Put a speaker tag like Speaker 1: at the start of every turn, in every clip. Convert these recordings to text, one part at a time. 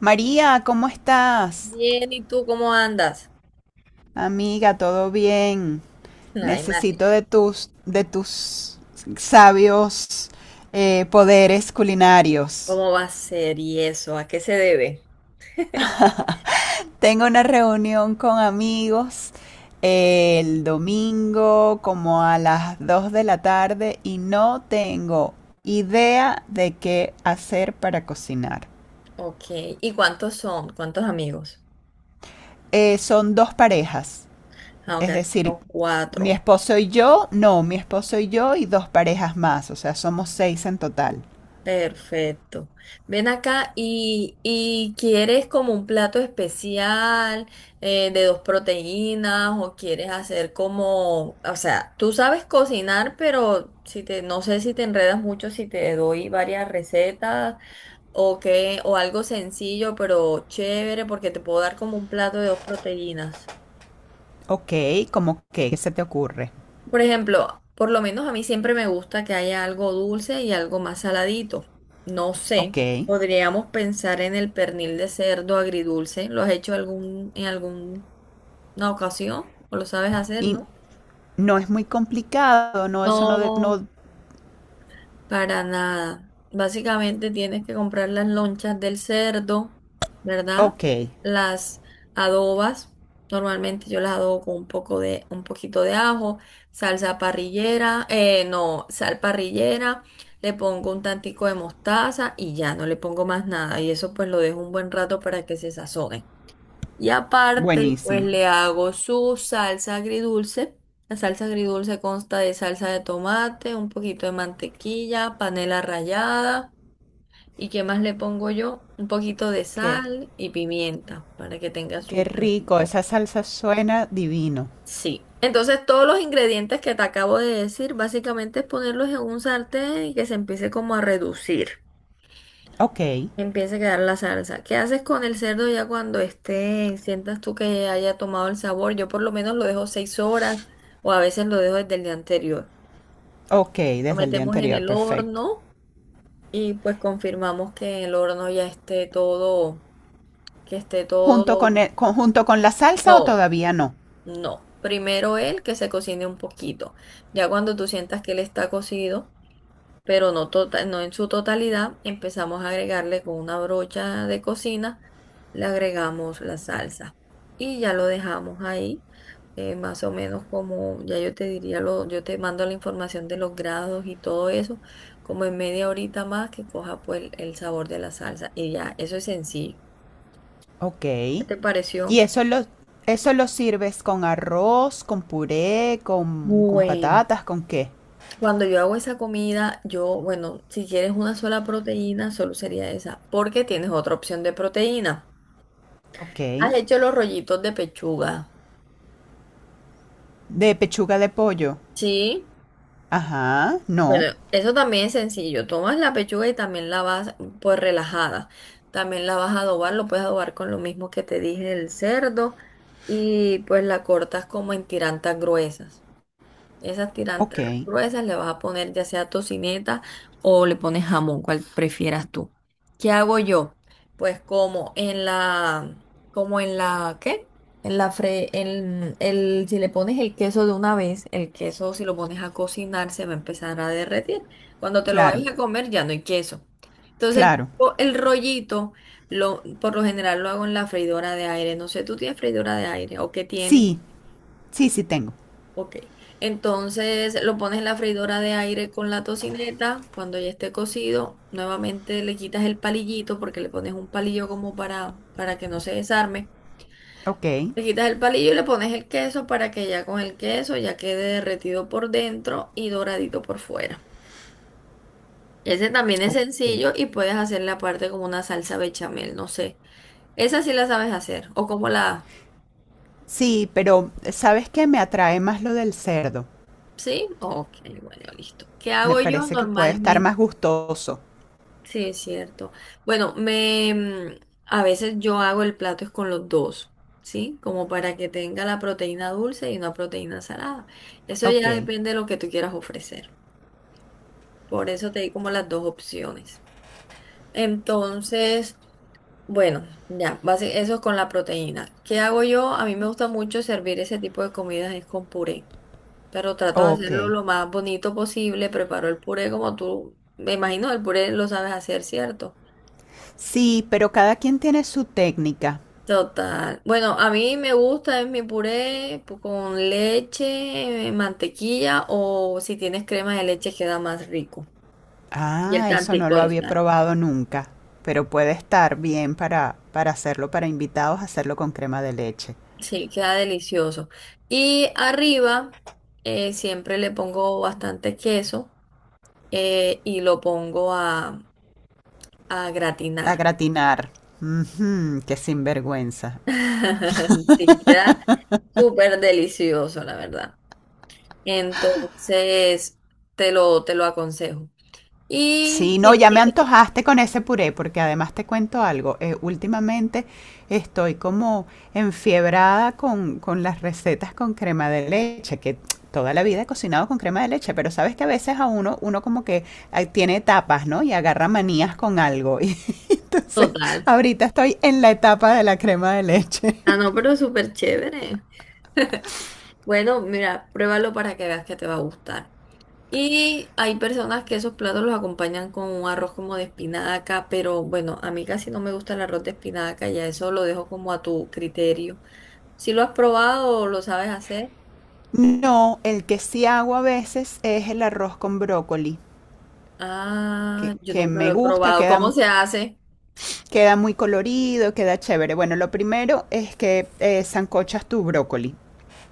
Speaker 1: María, ¿cómo estás?
Speaker 2: Bien, ¿y tú cómo andas?
Speaker 1: Amiga, ¿todo bien?
Speaker 2: Ay, madre,
Speaker 1: Necesito de tus sabios poderes culinarios.
Speaker 2: ¿cómo va a ser y eso? ¿A qué se debe?
Speaker 1: Tengo una reunión con amigos el domingo como a las 2 de la tarde y no tengo idea de qué hacer para cocinar.
Speaker 2: Ok, ¿y cuántos son? ¿Cuántos amigos?
Speaker 1: Son dos parejas.
Speaker 2: Ah, ok,
Speaker 1: Es decir,
Speaker 2: son
Speaker 1: mi
Speaker 2: cuatro.
Speaker 1: esposo y yo, no, mi esposo y yo y dos parejas más, o sea, somos 6 en total.
Speaker 2: Perfecto. Ven acá y ¿quieres como un plato especial de dos proteínas o quieres hacer como, o sea, tú sabes cocinar, pero si te, no sé si te enredas mucho si te doy varias recetas, o que, o algo sencillo, pero chévere, porque te puedo dar como un plato de dos proteínas.
Speaker 1: Ok. ¿Cómo que, ¿qué se te ocurre?
Speaker 2: Por ejemplo, por lo menos a mí siempre me gusta que haya algo dulce y algo más saladito. No sé,
Speaker 1: Ok.
Speaker 2: podríamos pensar en el pernil de cerdo agridulce. ¿Lo has hecho algún, en alguna ocasión? ¿O lo sabes hacer,
Speaker 1: Y
Speaker 2: no?
Speaker 1: no es muy complicado, no, eso no,
Speaker 2: No,
Speaker 1: no.
Speaker 2: para nada. Básicamente tienes que comprar las lonchas del cerdo, ¿verdad?
Speaker 1: Ok,
Speaker 2: Las adobas. Normalmente yo las adobo con un poco de, un poquito de ajo, salsa parrillera, no, sal parrillera, le pongo un tantico de mostaza y ya no le pongo más nada. Y eso pues lo dejo un buen rato para que se sazone. Y aparte, pues
Speaker 1: buenísimo.
Speaker 2: le hago su salsa agridulce. La salsa agridulce consta de salsa de tomate, un poquito de mantequilla, panela rallada. ¿Y qué más le pongo yo? Un poquito de
Speaker 1: Qué,
Speaker 2: sal y pimienta para que tenga su
Speaker 1: qué rico,
Speaker 2: sabor.
Speaker 1: esa salsa suena divino.
Speaker 2: Sí. Entonces, todos los ingredientes que te acabo de decir, básicamente es ponerlos en un sartén y que se empiece como a reducir.
Speaker 1: Ok.
Speaker 2: Empieza a quedar la salsa. ¿Qué haces con el cerdo ya cuando esté, sientas tú que haya tomado el sabor? Yo por lo menos lo dejo seis horas o a veces lo dejo desde el día anterior.
Speaker 1: Ok,
Speaker 2: Lo
Speaker 1: desde el día
Speaker 2: metemos en
Speaker 1: anterior,
Speaker 2: el
Speaker 1: perfecto.
Speaker 2: horno y pues confirmamos que en el horno ya esté todo, que esté todo.
Speaker 1: ¿Junto con, junto con la salsa o
Speaker 2: No,
Speaker 1: todavía no?
Speaker 2: no. Primero él que se cocine un poquito. Ya cuando tú sientas que él está cocido, pero no, no en su totalidad. Empezamos a agregarle con una brocha de cocina, le agregamos la salsa y ya lo dejamos ahí, más o menos como, ya yo te diría, lo, yo te mando la información de los grados y todo eso, como en media horita más que coja pues el sabor de la salsa y ya, eso es sencillo.
Speaker 1: Ok.
Speaker 2: ¿Qué te pareció?
Speaker 1: Y eso lo sirves con arroz, con puré, con
Speaker 2: Bueno,
Speaker 1: patatas, ¿con qué?
Speaker 2: cuando yo hago esa comida, yo, bueno, si quieres una sola proteína, solo sería esa, porque tienes otra opción de proteína.
Speaker 1: Ok.
Speaker 2: Has hecho los rollitos de pechuga.
Speaker 1: De pechuga de pollo.
Speaker 2: Sí,
Speaker 1: Ajá, no.
Speaker 2: bueno, eso también es sencillo. Tomas la pechuga y también la vas, pues relajada. También la vas a adobar, lo puedes adobar con lo mismo que te dije del cerdo y pues la cortas como en tirantas gruesas. Esas
Speaker 1: Ok,
Speaker 2: tirantes gruesas le vas a poner ya sea tocineta o le pones jamón, cual prefieras tú. ¿Qué hago yo? Pues ¿qué? En el, si le pones el queso de una vez, el queso si lo pones a cocinar se va a empezar a derretir. Cuando te lo
Speaker 1: claro,
Speaker 2: vayas a comer ya no hay queso. Entonces
Speaker 1: claro.
Speaker 2: yo el rollito, lo, por lo general lo hago en la freidora de aire. No sé, ¿tú tienes freidora de aire o qué tienes?
Speaker 1: Sí, sí, sí tengo.
Speaker 2: Ok, entonces lo pones en la freidora de aire con la tocineta, cuando ya esté cocido, nuevamente le quitas el palillito porque le pones un palillo como para que no se desarme.
Speaker 1: Ok.
Speaker 2: Le quitas el palillo y le pones el queso para que ya con el queso ya quede derretido por dentro y doradito por fuera. Ese también es
Speaker 1: Ok.
Speaker 2: sencillo y puedes hacerle aparte como una salsa bechamel, no sé. Esa sí la sabes hacer o como la...
Speaker 1: Sí, pero ¿sabes qué? Me atrae más lo del cerdo.
Speaker 2: ¿Sí? Ok, bueno, listo. ¿Qué
Speaker 1: Me
Speaker 2: hago yo
Speaker 1: parece que puede estar
Speaker 2: normalmente?
Speaker 1: más gustoso.
Speaker 2: Sí, es cierto. Bueno, a veces yo hago el plato es con los dos, ¿sí? Como para que tenga la proteína dulce y una proteína salada. Eso
Speaker 1: Ok,
Speaker 2: ya depende de lo que tú quieras ofrecer. Por eso te di como las dos opciones. Entonces, bueno, ya, eso es con la proteína. ¿Qué hago yo? A mí me gusta mucho servir ese tipo de comidas es con puré, pero trato de
Speaker 1: ok.
Speaker 2: hacerlo lo más bonito posible. Preparo el puré como tú, me imagino, el puré lo sabes hacer, ¿cierto?
Speaker 1: Sí, pero cada quien tiene su técnica.
Speaker 2: Total. Bueno, a mí me gusta es mi con leche, mantequilla o si tienes crema de leche queda más rico. Y el
Speaker 1: Ah, eso no
Speaker 2: tantico
Speaker 1: lo
Speaker 2: de
Speaker 1: había
Speaker 2: sal.
Speaker 1: probado nunca, pero puede estar bien para hacerlo para invitados, hacerlo con crema de leche.
Speaker 2: Sí, queda delicioso. Y arriba siempre le pongo bastante queso, y lo pongo a
Speaker 1: A
Speaker 2: gratinar.
Speaker 1: gratinar. Ujú, qué sinvergüenza.
Speaker 2: Sí, queda súper delicioso, la verdad. Entonces, te lo aconsejo.
Speaker 1: Sí,
Speaker 2: Y
Speaker 1: no,
Speaker 2: sí,
Speaker 1: ya me
Speaker 2: sí,
Speaker 1: antojaste con ese puré, porque además te cuento algo. Últimamente estoy como enfiebrada con las recetas con crema de leche, que toda la vida he cocinado con crema de leche, pero sabes que a veces a uno, uno como que ah, tiene etapas, ¿no? Y agarra manías con algo. Entonces,
Speaker 2: total.
Speaker 1: ahorita estoy en la etapa de la crema de leche.
Speaker 2: Ah, no, pero súper chévere. Bueno, mira, pruébalo para que veas que te va a gustar. Y hay personas que esos platos los acompañan con un arroz como de espinaca, pero bueno, a mí casi no me gusta el arroz de espinaca, ya eso lo dejo como a tu criterio. Si lo has probado o lo sabes hacer,
Speaker 1: No, el que sí hago a veces es el arroz con brócoli,
Speaker 2: ah, yo
Speaker 1: que
Speaker 2: nunca lo
Speaker 1: me
Speaker 2: he
Speaker 1: gusta,
Speaker 2: probado. ¿Cómo
Speaker 1: queda,
Speaker 2: se hace?
Speaker 1: queda muy colorido, queda chévere. Bueno, lo primero es que sancochas tu brócoli.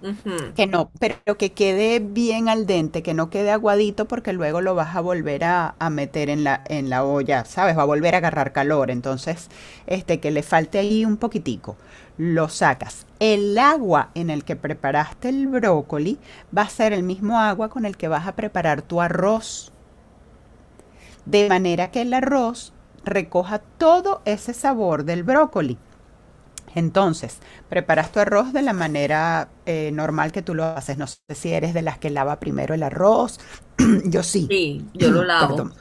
Speaker 2: Ujú.
Speaker 1: Que no, pero que quede bien al dente, que no quede aguadito porque luego lo vas a volver a meter en la olla, ¿sabes? Va a volver a agarrar calor. Entonces, este, que le falte ahí un poquitico. Lo sacas. El agua en el que preparaste el brócoli va a ser el mismo agua con el que vas a preparar tu arroz. De manera que el arroz recoja todo ese sabor del brócoli. Entonces, preparas tu arroz de la manera normal que tú lo haces. No sé si eres de las que lava primero el arroz. Yo sí,
Speaker 2: Sí, yo lo lavo.
Speaker 1: perdón.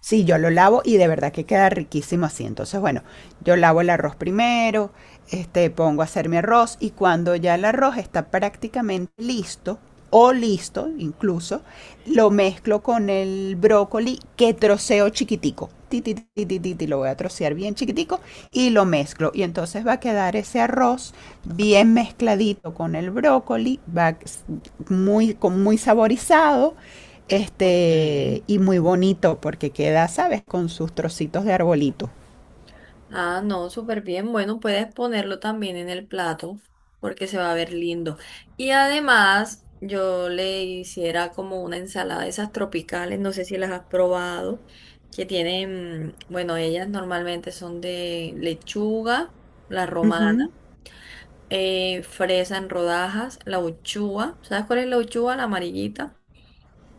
Speaker 1: Sí, yo lo lavo y de verdad que queda riquísimo así. Entonces, bueno, yo lavo el arroz primero, este, pongo a hacer mi arroz y cuando ya el arroz está prácticamente listo o listo incluso, lo mezclo con el brócoli que troceo chiquitico. Ti, ti, ti, ti, ti, ti, lo voy a trocear bien chiquitico y lo mezclo. Y entonces va a quedar ese arroz bien mezcladito con el brócoli, va muy, con muy saborizado
Speaker 2: Ok.
Speaker 1: este, y muy bonito porque queda, ¿sabes? Con sus trocitos de arbolito.
Speaker 2: Ah, no, súper bien. Bueno, puedes ponerlo también en el plato porque se va a ver lindo. Y además, yo le hiciera como una ensalada de esas tropicales, no sé si las has probado, que tienen, mm, bueno, ellas normalmente son de lechuga, la
Speaker 1: Ujú.
Speaker 2: romana, fresa en rodajas, la uchúa. ¿Sabes cuál es la uchúa? La amarillita,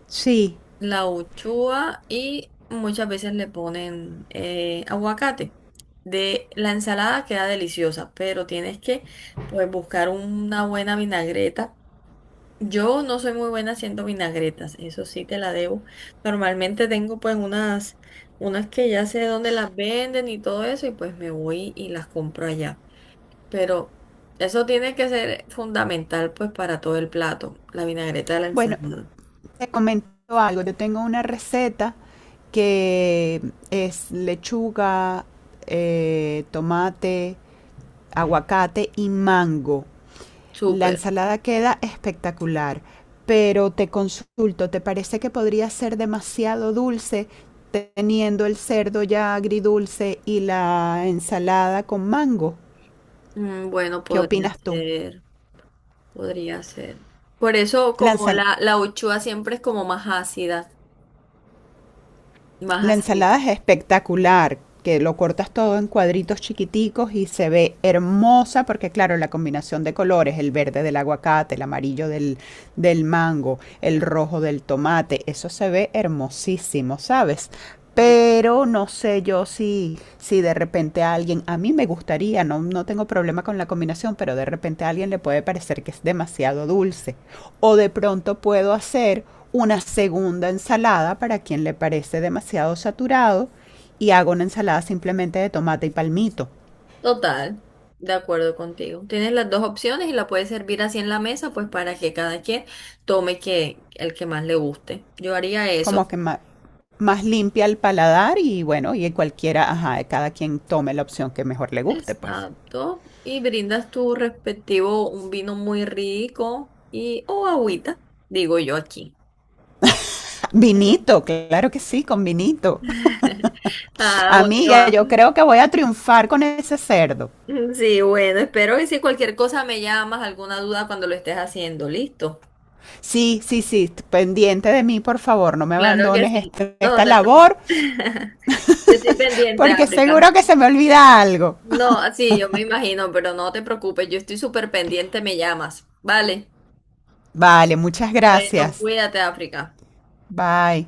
Speaker 1: Sí.
Speaker 2: la uchuva, y muchas veces le ponen aguacate. De la ensalada queda deliciosa, pero tienes que pues buscar una buena vinagreta. Yo no soy muy buena haciendo vinagretas, eso sí te la debo. Normalmente tengo pues unas, unas que ya sé dónde las venden y todo eso, y pues me voy y las compro allá. Pero eso tiene que ser fundamental pues para todo el plato, la vinagreta de la
Speaker 1: Bueno,
Speaker 2: ensalada.
Speaker 1: te comento algo. Yo tengo una receta que es lechuga, tomate, aguacate y mango. La
Speaker 2: Súper.
Speaker 1: ensalada queda espectacular, pero te consulto, ¿te parece que podría ser demasiado dulce teniendo el cerdo ya agridulce y la ensalada con mango?
Speaker 2: Mm, bueno,
Speaker 1: ¿Qué
Speaker 2: podría
Speaker 1: opinas tú?
Speaker 2: ser, podría ser. Por eso
Speaker 1: La, ensal-
Speaker 2: la uchuva siempre es como más ácida,
Speaker 1: la
Speaker 2: más
Speaker 1: ensalada
Speaker 2: ácida.
Speaker 1: es espectacular, que lo cortas todo en cuadritos chiquiticos y se ve hermosa porque claro, la combinación de colores, el verde del aguacate, el amarillo del, del mango, el rojo del tomate, eso se ve hermosísimo, ¿sabes?
Speaker 2: Ye-
Speaker 1: Pero no sé yo si, si de repente a alguien, a mí me gustaría, no, no tengo problema con la combinación, pero de repente a alguien le puede parecer que es demasiado dulce. O de pronto puedo hacer una segunda ensalada para quien le parece demasiado saturado y hago una ensalada simplemente de tomate y palmito,
Speaker 2: total, de acuerdo contigo. Tienes las dos opciones y la puedes servir así en la mesa, pues para que cada quien tome que, el que más le guste. Yo haría
Speaker 1: como
Speaker 2: eso.
Speaker 1: que más, limpia el paladar y bueno, y cualquiera, ajá, cada quien tome la opción que mejor le guste, pues.
Speaker 2: Exacto. Y brindas tu respectivo un vino muy rico y o agüita, digo yo aquí.
Speaker 1: Vinito, claro que sí, con vinito.
Speaker 2: Ah, bueno.
Speaker 1: Amiga,
Speaker 2: Ah.
Speaker 1: yo creo que voy a triunfar con ese cerdo.
Speaker 2: Sí, bueno, espero que si cualquier cosa me llamas, alguna duda cuando lo estés haciendo, listo.
Speaker 1: Sí, sí, sí, pendiente de mí, por favor, no me
Speaker 2: Claro que
Speaker 1: abandones
Speaker 2: sí. No
Speaker 1: esta
Speaker 2: te preocupes.
Speaker 1: labor,
Speaker 2: Yo estoy pendiente,
Speaker 1: porque
Speaker 2: África.
Speaker 1: seguro que se me olvida algo.
Speaker 2: No, sí, yo me imagino, pero no te preocupes, yo estoy súper pendiente, me llamas. Vale.
Speaker 1: Vale, muchas
Speaker 2: Bueno,
Speaker 1: gracias.
Speaker 2: cuídate, África.
Speaker 1: Bye.